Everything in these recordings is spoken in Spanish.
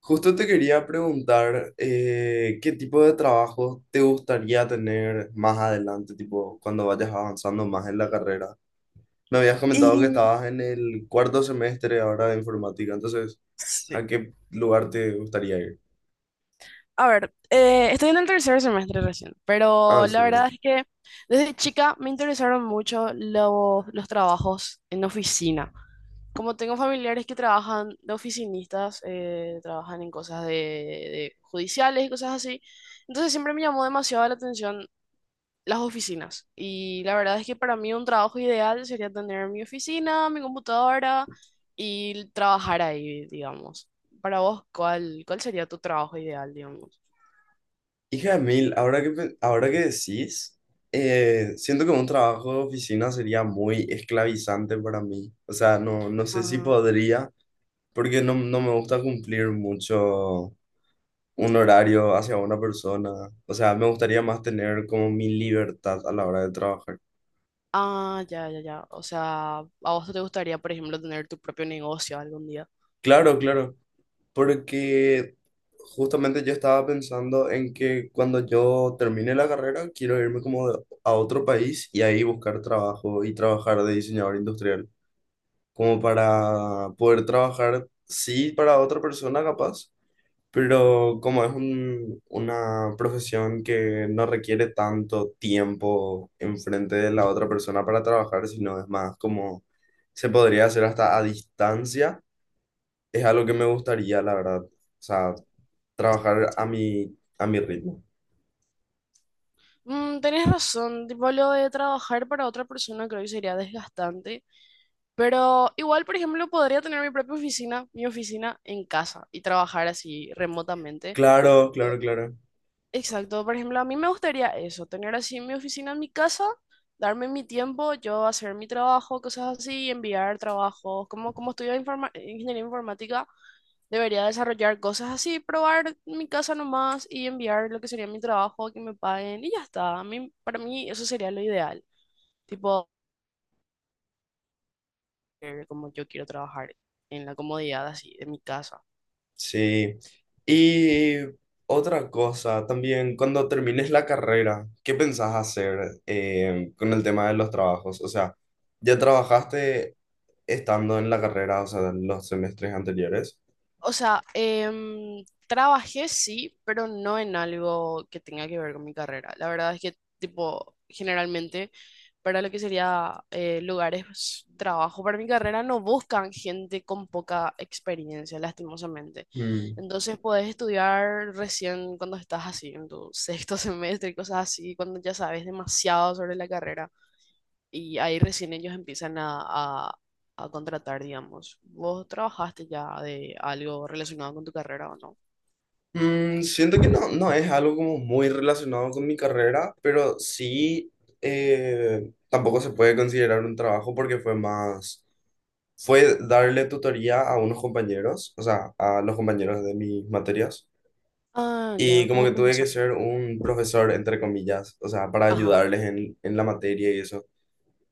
Justo te quería preguntar qué tipo de trabajo te gustaría tener más adelante, tipo cuando vayas avanzando más en la carrera. Me habías comentado que Y estabas en el cuarto semestre ahora de informática, entonces, sí, ¿a qué lugar te gustaría ir? a ver, estoy en el tercer semestre recién, Ah, pero la cierto. verdad es que desde chica me interesaron mucho los trabajos en oficina. Como tengo familiares que trabajan de oficinistas, trabajan en cosas de judiciales y cosas así, entonces siempre me llamó demasiado la atención las oficinas. Y la verdad es que para mí un trabajo ideal sería tener mi oficina, mi computadora y trabajar ahí, digamos. Para vos, ¿cuál sería tu trabajo ideal, digamos? Hija de mil, ahora que, ahora que decís, siento que un trabajo de oficina sería muy esclavizante para mí. O sea, no, no sé si Ah, podría, porque no, no me gusta cumplir mucho un horario hacia una persona. O sea, me gustaría más tener como mi libertad a la hora de trabajar. ah, ya, ya, ya. O sea, ¿a vos te gustaría, por ejemplo, tener tu propio negocio algún día? Claro, claro, porque justamente yo estaba pensando en que cuando yo termine la carrera quiero irme como a otro país y ahí buscar trabajo y trabajar de diseñador industrial, como para poder trabajar, sí, para otra persona capaz. Pero como es una profesión que no requiere tanto tiempo enfrente de la otra persona para trabajar, sino es más como se podría hacer hasta a distancia, es algo que me gustaría, la verdad. O sea, trabajar a a mi ritmo. Mm, tenés razón, tipo lo de trabajar para otra persona creo que sería desgastante, pero igual, por ejemplo, podría tener mi propia oficina, mi oficina en casa y trabajar así remotamente. Claro, claro, claro. Exacto, por ejemplo, a mí me gustaría eso, tener así mi oficina en mi casa, darme mi tiempo, yo hacer mi trabajo, cosas así, enviar trabajos, como estudio ingeniería informática, debería desarrollar cosas así, probar en mi casa nomás y enviar lo que sería mi trabajo, que me paguen y ya está. Para mí eso sería lo ideal, tipo, como yo quiero trabajar en la comodidad así de mi casa. Sí. Y otra cosa también, cuando termines la carrera, ¿qué pensás hacer con el tema de los trabajos? O sea, ¿ya trabajaste estando en la carrera, o sea, en los semestres anteriores? O sea, em, trabajé sí, pero no en algo que tenga que ver con mi carrera. La verdad es que, tipo, generalmente para lo que sería lugares de trabajo para mi carrera no buscan gente con poca experiencia, lastimosamente. Mm. Entonces podés estudiar recién cuando estás así, en tu sexto semestre y cosas así, cuando ya sabes demasiado sobre la carrera y ahí recién ellos empiezan a- a contratar, digamos. ¿Vos trabajaste ya de algo relacionado con tu carrera o no? Mm, siento que no, no es algo como muy relacionado con mi carrera, pero sí, tampoco se puede considerar un trabajo porque fue más, fue darle tutoría a unos compañeros, o sea, a los compañeros de mis materias. Ah, ya, Y como como que tuve que profesor. ser un profesor, entre comillas, o sea, para Ajá. ayudarles en la materia y eso.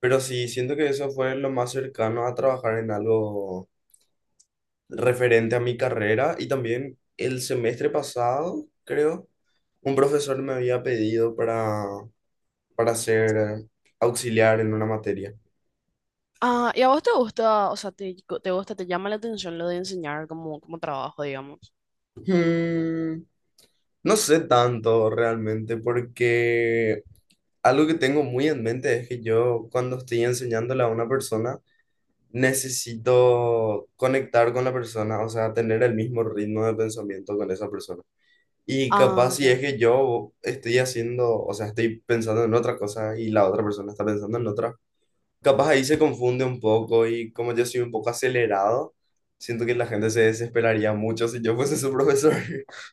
Pero sí, siento que eso fue lo más cercano a trabajar en algo referente a mi carrera. Y también el semestre pasado, creo, un profesor me había pedido para ser auxiliar en una materia. Ah, ¿y a vos te gusta, o sea, te gusta, te llama la atención lo de enseñar como trabajo, digamos? Hmm, no sé tanto realmente, porque algo que tengo muy en mente es que yo cuando estoy enseñándole a una persona, necesito conectar con la persona, o sea, tener el mismo ritmo de pensamiento con esa persona. Y Ah, capaz si ya. es que yo estoy haciendo, o sea, estoy pensando en otra cosa y la otra persona está pensando en otra, capaz ahí se confunde un poco y como yo soy un poco acelerado, siento que la gente se desesperaría mucho si yo fuese su profesor.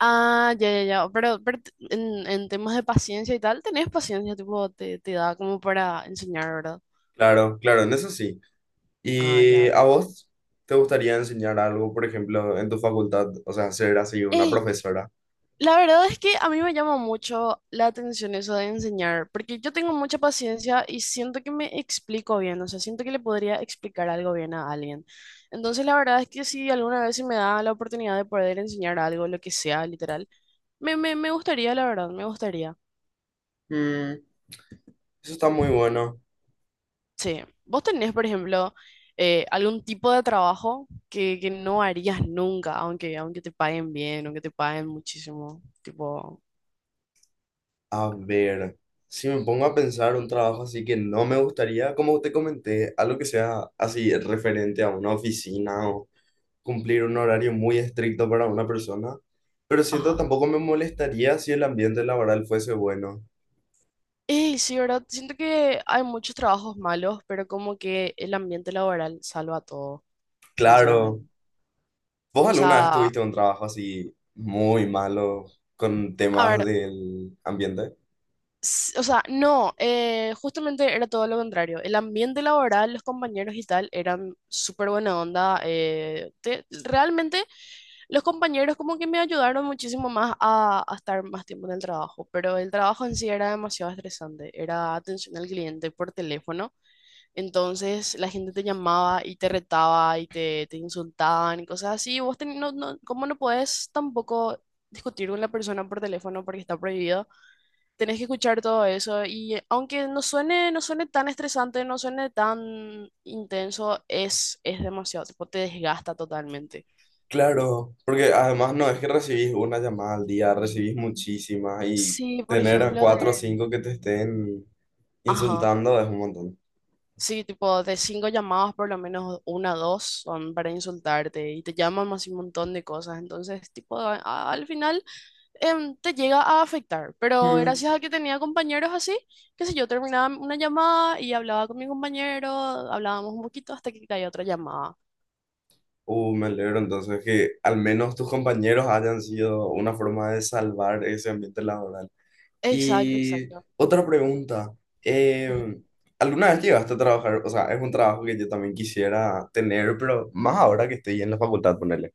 Ah, ya, ya, ya. Pero, en temas de paciencia y tal, tenés paciencia, tipo, te da como para enseñar, ¿verdad? Claro, claro, en eso sí. Ah, ya. ¿Y ya. a vos te gustaría enseñar algo, por ejemplo, en tu facultad? O sea, ser así una ¡Ey! profesora. La verdad es que a mí me llama mucho la atención eso de enseñar, porque yo tengo mucha paciencia y siento que me explico bien, o sea, siento que le podría explicar algo bien a alguien. Entonces, la verdad es que si alguna vez se me da la oportunidad de poder enseñar algo, lo que sea, literal, me gustaría, la verdad, me gustaría. Mm, eso está muy bueno. Sí, vos tenés, por ejemplo, algún tipo de trabajo que no harías nunca, aunque te paguen bien, aunque te paguen muchísimo, tipo, A ver, si me pongo a pensar un trabajo así que no me gustaría, como te comenté, algo que sea así referente a una oficina o cumplir un horario muy estricto para una persona, pero siento ajá. tampoco me molestaría si el ambiente laboral fuese bueno. Ey, sí, ¿verdad? Siento que hay muchos trabajos malos, pero como que el ambiente laboral salva todo, Claro, sinceramente. ¿vos O alguna vez sea, tuviste un trabajo así muy malo con a temas ver, del ambiente? O sea, no, justamente era todo lo contrario. El ambiente laboral, los compañeros y tal, eran súper buena onda. Realmente los compañeros como que me ayudaron muchísimo más a estar más tiempo en el trabajo, pero el trabajo en sí era demasiado estresante. Era atención al cliente por teléfono. Entonces la gente te llamaba y te retaba y te insultaban y cosas así. No, no, como no podés tampoco discutir con la persona por teléfono porque está prohibido, tenés que escuchar todo eso y aunque no suene, no suene tan estresante, no suene tan intenso, es demasiado, tipo, te desgasta totalmente. Claro, porque además no es que recibís una llamada al día, recibís muchísimas y Sí, por tener a ejemplo, de... cuatro o cinco que te estén Ajá. insultando es un montón. Sí, tipo, de cinco llamadas, por lo menos una o dos son para insultarte y te llaman más y un montón de cosas. Entonces, tipo, al final te llega a afectar, pero Mm. gracias a que tenía compañeros así, qué sé yo, terminaba una llamada y hablaba con mi compañero, hablábamos un poquito hasta que caía otra llamada. Me alegro entonces que al menos tus compañeros hayan sido una forma de salvar ese ambiente laboral. Exacto, Y exacto. otra pregunta, Ujú. eh, ¿alguna vez llegaste a trabajar? O sea, es un trabajo que yo también quisiera tener, pero más ahora que estoy en la facultad, ponerle.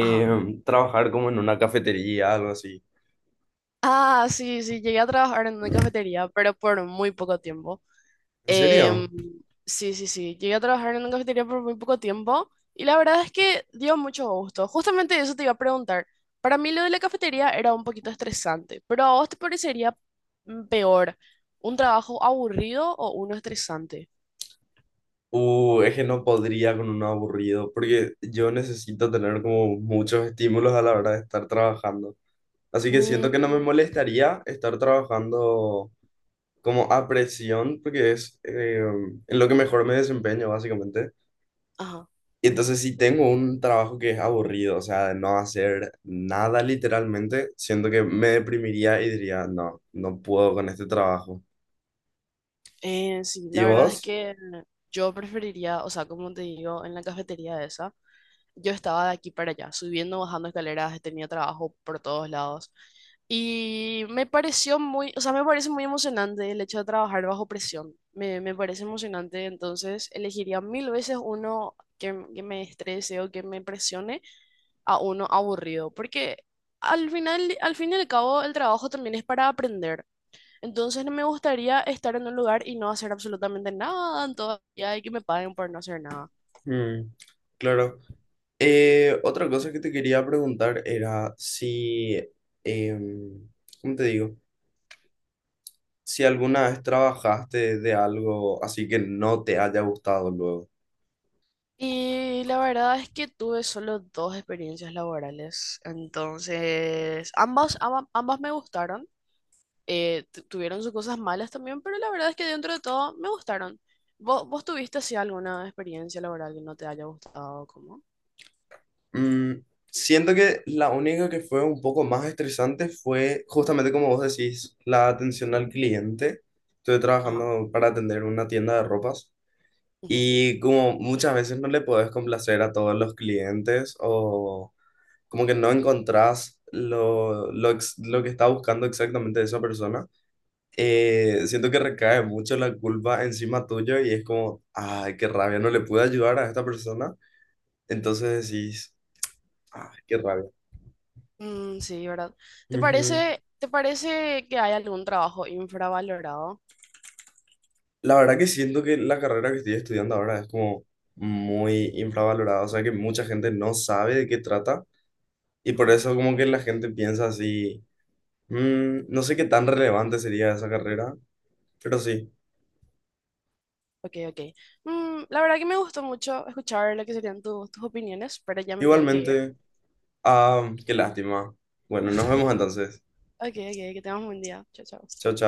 Ajá. Trabajar como en una cafetería, algo así. Ah, sí, sí, llegué a trabajar en una cafetería, pero por muy poco tiempo. ¿En Em, serio? sí, sí, sí. Llegué a trabajar en una cafetería por muy poco tiempo y la verdad es que dio mucho gusto. Justamente eso te iba a preguntar. Para mí lo de la cafetería era un poquito estresante, pero ¿a vos te parecería peor un trabajo aburrido o uno estresante? Es que no podría con un aburrido, porque yo necesito tener como muchos estímulos a la hora de estar trabajando. Así que siento que no me Mm, molestaría estar trabajando como a presión, porque es en lo que mejor me desempeño, básicamente. ajá. Y entonces si tengo un trabajo que es aburrido, o sea, de no hacer nada literalmente, siento que me deprimiría y diría, no, no puedo con este trabajo. Sí, ¿Y la verdad es vos? que yo preferiría, o sea, como te digo, en la cafetería esa. Yo estaba de aquí para allá, subiendo, bajando escaleras, tenía trabajo por todos lados. Y me pareció muy, o sea, me parece muy emocionante el hecho de trabajar bajo presión. Me parece emocionante, entonces elegiría mil veces uno que me estrese o que me presione a uno aburrido, porque al final, al fin y al cabo, el trabajo también es para aprender. Entonces no me gustaría estar en un lugar y no hacer absolutamente nada en todo el día y que me paguen por no hacer nada. Mm, claro. Otra cosa que te quería preguntar era si, em, ¿cómo te digo? Si alguna vez trabajaste de algo así que no te haya gustado luego. Y la verdad es que tuve solo dos experiencias laborales, entonces ambas, ambas, me gustaron, tuvieron sus cosas malas también, pero la verdad es que dentro de todo me gustaron. ¿Vos tuviste así alguna experiencia laboral que no te haya gustado? ¿Cómo? Mm, siento que la única que fue un poco más estresante fue justamente como vos decís, la atención al cliente. Estuve Ajá. trabajando para atender una tienda de ropas Ujú. y como muchas veces no le podés complacer a todos los clientes o como que no encontrás lo, lo que está buscando exactamente esa persona. Eh, siento que recae mucho la culpa encima tuyo y es como, ay, qué rabia, no le pude ayudar a esta persona. Entonces decís, ay, qué rabia. Mm, sí, ¿verdad? Ujú. ¿Te parece que hay algún trabajo infravalorado? La verdad que siento que la carrera que estoy estudiando ahora es como muy infravalorada, o sea que mucha gente no sabe de qué trata y por Ajá. eso como que la gente piensa así, "Mm, no sé qué tan relevante sería esa carrera, pero sí, Ok, ok. Mm, la verdad que me gustó mucho escuchar lo que serían tus opiniones, pero ya me tengo que ir. igualmente, ah, qué lástima. Bueno, nos vemos entonces. Ok, ok, que tengas un buen día. Chao, chao. Chao, chao.